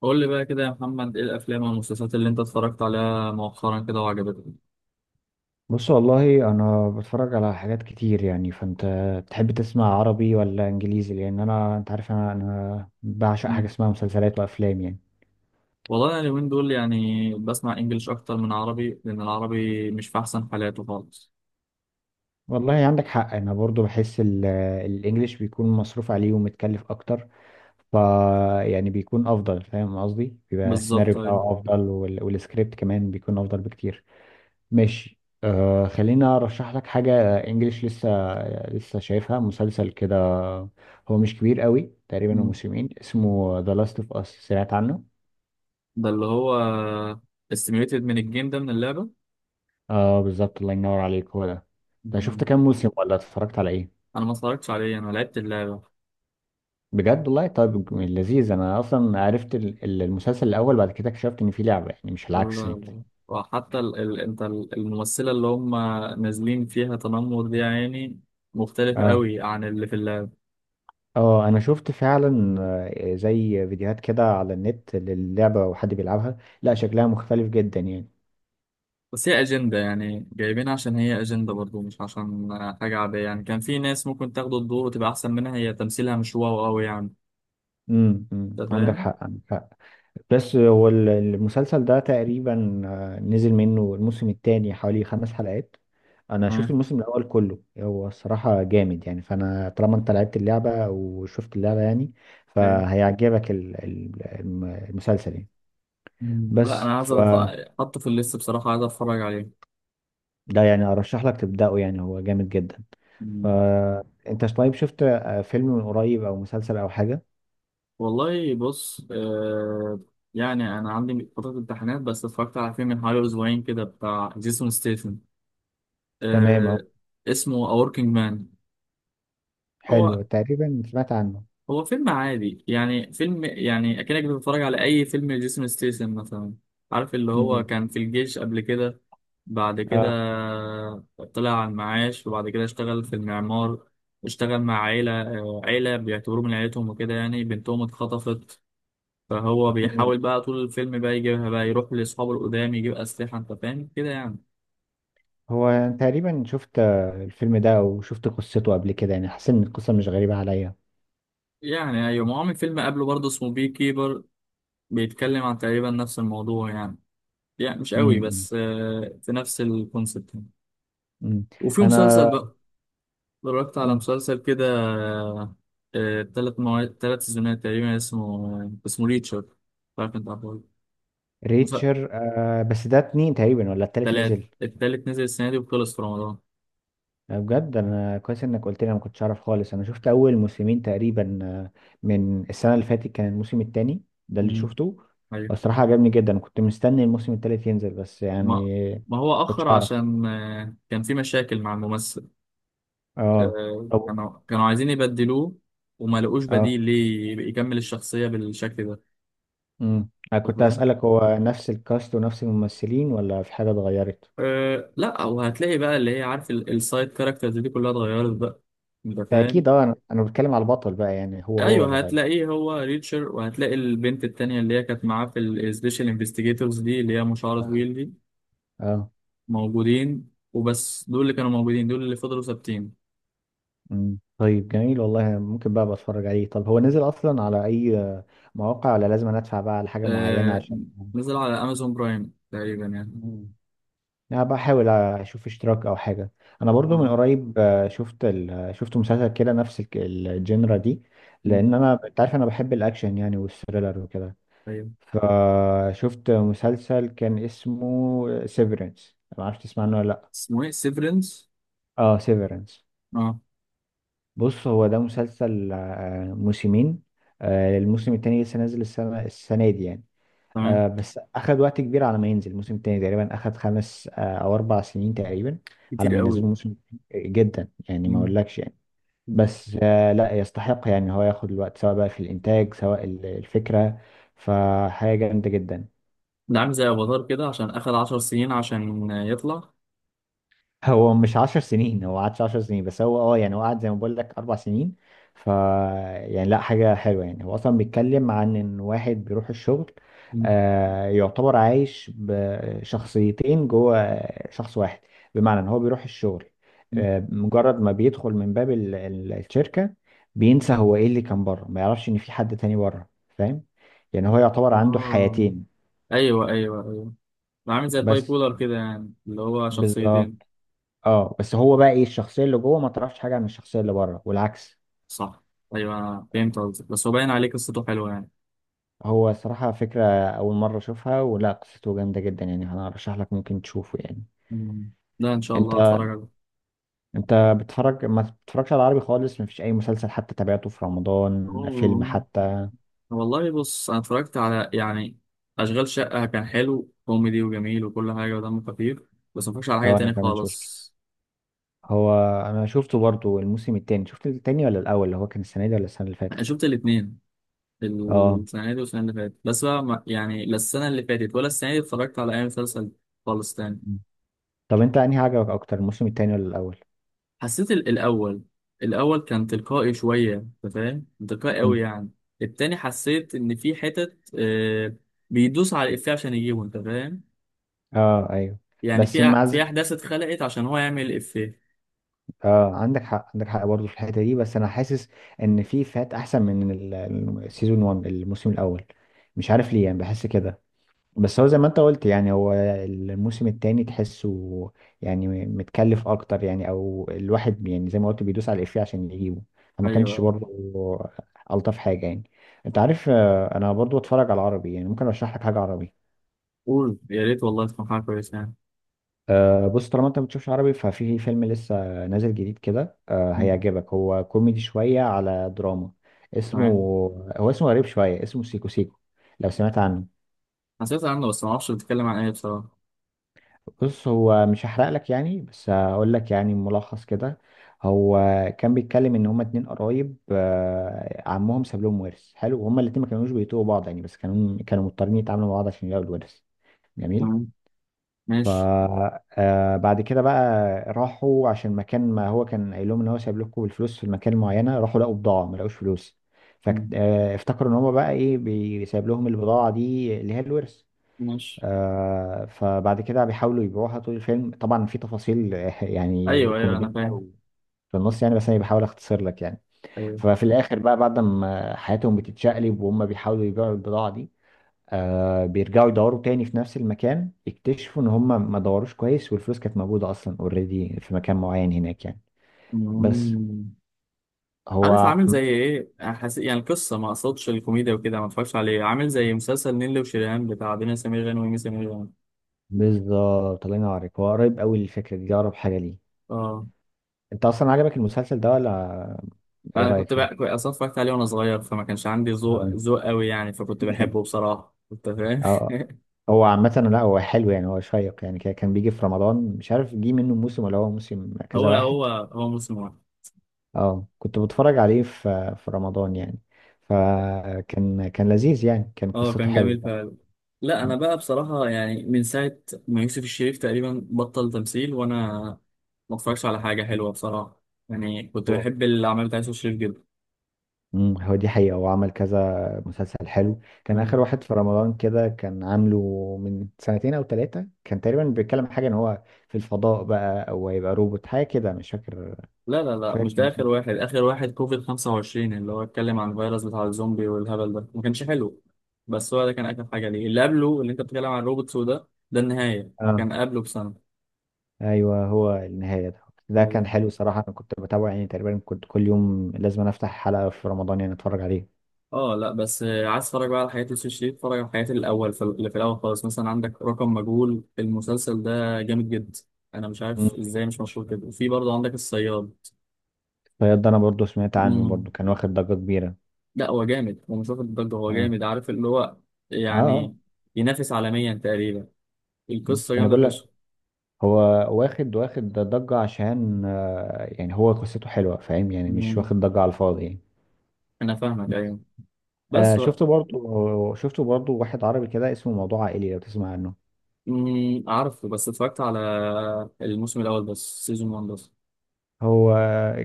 قول لي بقى كده يا محمد، ايه الافلام والمسلسلات اللي انت اتفرجت عليها مؤخرا كده وعجبتك؟ بص والله انا بتفرج على حاجات كتير يعني. فانت تحب تسمع عربي ولا انجليزي؟ لان انت عارف انا بعشق حاجه مم. اسمها مسلسلات وافلام يعني. والله انا اليومين دول يعني بسمع انجليش اكتر من عربي لان العربي مش في احسن حالاته خالص. والله عندك حق، انا برضو بحس الانجليش بيكون مصروف عليه ومتكلف اكتر. ف يعني بيكون افضل، فاهم قصدي؟ بيبقى السيناريو بالظبط، ايوه. بتاعه افضل والسكريبت كمان بيكون افضل بكتير. ماشي، آه، خلينا ارشح لك حاجه انجليش لسه شايفها، مسلسل كده، هو مش كبير قوي، تقريبا هو مم. موسمين، اسمه ذا لاست اوف اس، سمعت عنه؟ ده اللي هو استميوليتد من الجيم ده، من اللعبه. اه بالظبط، الله ينور عليك، هو ده. ده شفت مم. كام موسم ولا اتفرجت على ايه؟ انا ما اتفرجتش عليه، انا لعبت اللعبه. بجد؟ والله طيب لذيذ. انا اصلا عرفت المسلسل الاول، بعد كده اكتشفت ان في لعبه يعني، مش لا العكس يعني. لا. وحتى انت الممثله اللي هم نازلين فيها تنمر دي يعني مختلفه اه. قوي عن اللي في اللعبه. اه انا شفت فعلا، زي فيديوهات كده على النت للعبه وحد بيلعبها، لا شكلها مختلف جدا يعني. بس هي أجندة يعني، جايبينها عشان هي أجندة برضو، مش عشان حاجة عادية يعني. كان في ناس ممكن تاخد الدور وتبقى أحسن منها، هي تمثيلها مش واو أوي يعني. أمم، أنت عندك فاهم؟ حق، عندك حق. بس هو المسلسل ده تقريبا، نزل منه الموسم الثاني حوالي خمس حلقات. انا شفت تمام. الموسم الاول كله، هو الصراحه جامد يعني. فانا طالما انت لعبت اللعبه وشفت اللعبه يعني طيب. فهيعجبك المسلسل يعني. مم. لا بس أنا عايز أتف- فده، أحطه في الليست بصراحة، عايز أتفرج عليه. يعني ارشح لك تبداه، يعني هو جامد جدا. مم. فانت طيب شفت فيلم من قريب او مسلسل او حاجه؟ والله بص، آه يعني أنا عندي فترة امتحانات بس اتفرجت على فيلم من حوالي أسبوعين كده بتاع جيسون ستيثم. تمام اهو. آه، اسمه A Working Man. هو حلو، تقريبا سمعت عنه. هو فيلم عادي يعني، فيلم يعني اكنك بتتفرج على اي فيلم لجيسون ستيسن مثلا. عارف اللي هو امم. كان في الجيش قبل كده، بعد كده اه. طلع على المعاش، وبعد كده اشتغل في المعمار. اشتغل مع عيلة، آه، عيلة بيعتبروه من عيلتهم وكده يعني، بنتهم اتخطفت. فهو بيحاول بقى طول الفيلم بقى يجيبها، بقى يروح لأصحابه القدام يجيب أسلحة، أنت فاهم كده يعني. هو تقريبا شفت الفيلم ده او شفت قصته قبل كده يعني، حسيت ان القصه مش غريبه عليا. يعني أيوة، ما هو عامل فيلم قبله برضه اسمه بي كيبر، بيتكلم عن تقريبا نفس الموضوع يعني. يعني مش قوي امم. بس آه، في نفس الكونسيبت يعني. امم. وفي انا. مسلسل بقى، اتفرجت على مم. مسلسل كده 3 مواد، 3 سيزونات تقريبا، اسمه آه، اسمه ريتشر، مش عارف انت عارفه. مسلسل ريتشر آه، بس ده اتنين تقريبا ولا التالت ثلاث، نزل؟ التالت نزل السنة دي وخلص في رمضان. بجد؟ انا كويس انك قلت لي، أنا ما كنتش اعرف خالص. انا شفت اول موسمين تقريبا، من السنه اللي فاتت كان الموسم التاني ده اللي امم، شفته. ايوه. الصراحه عجبني جدا، كنت مستني الموسم التالت ينزل بس ما يعني ما هو ما كنتش أخر اعرف. عشان آه، كان في مشاكل مع الممثل. اه. آه، طب. كانوا عايزين يبدلوه وما لقوش اه. بديل ليه يكمل الشخصية بالشكل ده. امم، انا أنت كنت فاهم؟ اسالك هو نفس الكاست ونفس الممثلين ولا في حاجه اتغيرت؟ أه لا، وهتلاقي بقى اللي هي عارف السايد كاركترز دي كلها اتغيرت بقى. انت فاهم؟ فاكيد اه، انا بتكلم على البطل بقى يعني، هو هو اللي ايوه، غير. هتلاقيه هو ريتشر، وهتلاقي البنت التانية اللي هي كانت معاه في السبيشال انفستيجيتورز دي، اللي هي مشعرة آه. طويل دي، اه. موجودين، وبس دول اللي كانوا موجودين، دول اللي فضلوا ثابتين. طيب، جميل والله، ممكن بقى بتفرج عليه. طب هو نزل اصلا على اي مواقع ولا لازم أنا ادفع بقى على حاجه معينه أه، عشان؟ نزل على امازون برايم تقريبا يعني. مم. انا بحاول اشوف اشتراك او حاجه. انا برضو من اه. قريب شفت شفت مسلسل كده نفس الجنرا دي، مم، لان انت عارف انا بحب الاكشن يعني والثريلر وكده. ايوه. فشفت مسلسل كان اسمه سيفرنس، ما اعرفش تسمع عنه ولا لا؟ اسمه ايه، سيفرنس؟ اه سيفرنس. اه. بص هو ده مسلسل، موسمين، الموسم التاني لسه نازل السنة دي يعني. تمام. بس أخد وقت كبير على ما ينزل الموسم التاني، تقريبا أخد خمس أو أربع سنين تقريبا على كتير ما ينزلوا قوي. الموسم التاني. جدا يعني ما مم، أقولكش يعني. مم. بس لا يستحق يعني، هو ياخد الوقت سواء بقى في الإنتاج سواء الفكرة، فحاجة جامدة جدا. ده عامل زي افاتار كده عشان اخد 10 سنين عشان يطلع. هو مش عشر سنين، هو قعدش عشر سنين، بس هو اه يعني هو قعد زي ما بقول لك اربع سنين. ف يعني لا حاجة حلوة يعني. هو اصلا بيتكلم عن ان واحد بيروح الشغل، آه يعتبر عايش بشخصيتين جوه شخص واحد، بمعنى ان هو بيروح الشغل آه، مجرد ما بيدخل من باب الشركة بينسى هو ايه اللي كان بره، ما يعرفش ان في حد تاني بره، فاهم يعني؟ هو يعتبر عنده اه، حياتين. ايوه ايوه ايوه، ده عامل زي الباي بس بولر كده يعني، اللي هو شخصيتين. بالظبط. اه بس هو بقى ايه الشخصيه اللي جوه ما تعرفش حاجه عن الشخصيه اللي بره، والعكس. صح. ايوه أنا فهمت قصدك، بس هو باين عليه قصته حلوه يعني. هو صراحه فكره اول مره اشوفها، ولا قصته جامده جدا يعني، انا ارشح لك ممكن تشوفه يعني. مم. ده ان شاء انت الله هتفرج عليه. انت بتتفرج ما بتتفرجش على عربي خالص؟ ما فيش اي مسلسل حتى تابعته في رمضان، فيلم أوه. حتى؟ والله بص، انا اتفرجت على يعني اشغال شقه، كان حلو، كوميدي وجميل وكل حاجه ودمه خفيف. بس ما اتفرجش على حاجه اه انا تاني كمان شفته. خالص. هو. انا شفته برضو الموسم التاني، شفت التاني ولا الاول اللي هو كان السنه دي ولا السنه اللي انا فاتت؟ شفت الاثنين، اه. السنه دي والسنه اللي فاتت، بس بقى يعني لا السنه اللي فاتت ولا السنه دي اتفرجت على اي مسلسل خالص تاني. طب انت انهي عجبك اكتر، الموسم التاني ولا الاول؟ حسيت الأول، الأول كان تلقائي شوية، أنت فاهم، تلقائي أوي امم. يعني. التاني حسيت إن في حتت آه، بيدوس على الإفيه عشان يجيبه، أنت فاهم. اه. ايوه. يعني بس مع في ز- أحداث اتخلقت عشان هو يعمل الإفيه. اه عندك حق، عندك حق برضه في الحته دي، بس انا حاسس ان في فات احسن من السيزون 1، الموسم الاول، مش عارف ليه يعني، بحس كده. بس هو زي ما انت قلت يعني، هو الموسم التاني تحسه يعني متكلف اكتر يعني، او الواحد يعني زي ما قلت بيدوس على الإفيه عشان يجيبه، فما أيوه كانش أيوه. برضه الطف حاجه يعني. انت عارف انا برضه بتفرج على العربي يعني، ممكن ارشح لك حاجه عربي. قول، يا ريت والله تكون حاجة كويسة يعني. أه بص، طالما انت ما بتشوفش عربي، ففي فيلم لسه نازل جديد كده، أه مم. هيعجبك، هو كوميدي شوية على دراما، اسمه، تمام. هو اسمه غريب شوية، اسمه سيكو سيكو، لو سمعت عنه. حسيت عنه بس معرفش بتتكلم عن إيه بصراحة. بص هو مش هحرق لك يعني، بس هقول لك يعني ملخص كده. هو كان بيتكلم ان هما اتنين قرايب، أه عمهم ساب لهم ورث حلو، وهما الاتنين ما كانوش بيتوبوا بعض يعني، بس كانوا مضطرين يتعاملوا مع بعض عشان يلاقوا الورث. جميل. تمام. ماشي. فبعد كده بقى راحوا عشان مكان ما هو كان قايل لهم ان هو سايب لكم الفلوس في المكان معينه، راحوا لقوا بضاعه، ما لقوش فلوس، مم. فافتكروا ان هم بقى ايه، سايب لهم البضاعه دي اللي هي الورث. ماشي. فبعد كده بيحاولوا يبيعوها طول الفيلم، طبعا في تفاصيل يعني أيوه أيوه، كوميدية أنا فاهم. في النص يعني، بس انا بحاول اختصر لك يعني. أيوه. ففي الاخر بقى بعد ما حياتهم بتتشقلب وهم بيحاولوا يبيعوا البضاعة دي، آه بيرجعوا يدوروا تاني في نفس المكان، يكتشفوا ان هم ما دوروش كويس، والفلوس كانت موجودة اصلا اوريدي في مكان معين هناك يعني. بس. مم. عارف هو. عامل زي ايه، يعني القصه، ما اقصدش الكوميديا وكده، ما اتفرجش عليه، عامل زي مسلسل نيللي وشيريهان بتاع دنيا سمير غانم ومي سمير غانم. بالظبط، الله ينورك، هو قريب قوي للفكرة دي، اقرب حاجة ليه. اه، انت اصلا عجبك المسلسل ده ولا ايه انا رأيك كنت فيه؟ بقى كنت اصلا اتفرجت عليه وانا صغير، فما كانش عندي اه. ذوق قوي يعني، فكنت بحبه بصراحه، انت فاهم؟ اه. هو عامة لا هو حلو يعني، هو شيق يعني، كان بيجي في رمضان، مش عارف جه منه موسم ولا هو موسم هو كذا واحد. هو هو موسم واحد. اه كنت بتفرج عليه في في رمضان يعني، فكان لذيذ يعني، كان اه، قصته كان جميل حلوة. فعلا. لا انا بقى بصراحه يعني من ساعه ما يوسف الشريف تقريبا بطل تمثيل، وانا ما اتفرجش على حاجه حلوه بصراحه. يعني كنت هو. بحب الاعمال بتاع يوسف الشريف جدا. مم، هو دي حقيقة، هو عمل كذا مسلسل حلو. كان آخر واحد في رمضان كده كان عامله من سنتين أو ثلاثة، كان تقريبا بيتكلم حاجة إن هو في الفضاء بقى أو هيبقى روبوت حاجة كده، مش فاكر. لا لا مش لا، فاكر مش كان ده آخر اسمه واحد. آخر واحد كوفيد 25، اللي هو اتكلم عن الفيروس بتاع الزومبي والهبل ده، ما كانش حلو. بس هو ده كان آخر حاجة ليه. اللي قبله اللي أنت بتتكلم عن روبوتس وده، ده النهاية، إيه. آه كان قبله بسنة. أيوه هو النهاية ده. ده كان أو- حلو صراحة، أنا كنت بتابعه يعني، تقريبا كنت كل يوم لازم أنا أفتح حلقة في رمضان يعني أتفرج عليه. اه لا، بس آه، عايز تتفرج بقى على حياة يوسف شريف، اتفرج على حياة الأول، في اللي في الأول خالص، مثلا عندك رقم مجهول، المسلسل ده جامد جدا. أنا مش مم. عارف إزاي مش مشهور كده. وفي برضه عندك الصياد. فيض ده، أنا برضو سمعت عنه، مم. برضو كان واخد ضجة كبيرة. لا هو جامد، هو مش واخد الضجة، هو آه. جامد، عارف اللي هو آه. آه. يعني ينافس عالميا تقريبا. مم. القصة أنا جامدة بقول فشخ. هو واخد ضجة عشان يعني هو قصته حلوة، فاهم يعني؟ مش مم. واخد ضجة على الفاضي يعني. أنا فاهمك، أيوة. بس و... شفته برضو، شفته برضو واحد عربي كده اسمه موضوع عائلي، لو تسمع عنه. مم. عارفه، بس اتفرجت على الموسم الأول بس، سيزون 1 بس. هو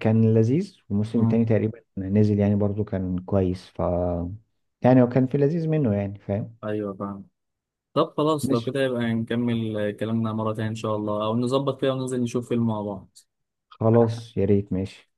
كان لذيذ، وموسم مم. تاني تقريبا نزل يعني برضو كان كويس. يعني هو كان في لذيذ منه يعني، فاهم؟ أيوة فاهم. طب خلاص، لو ماشي. كده يبقى نكمل كلامنا مرة تانية إن شاء الله، أو نظبط كده وننزل نشوف فيلم مع بعض. خلاص يا ريت، ماشي.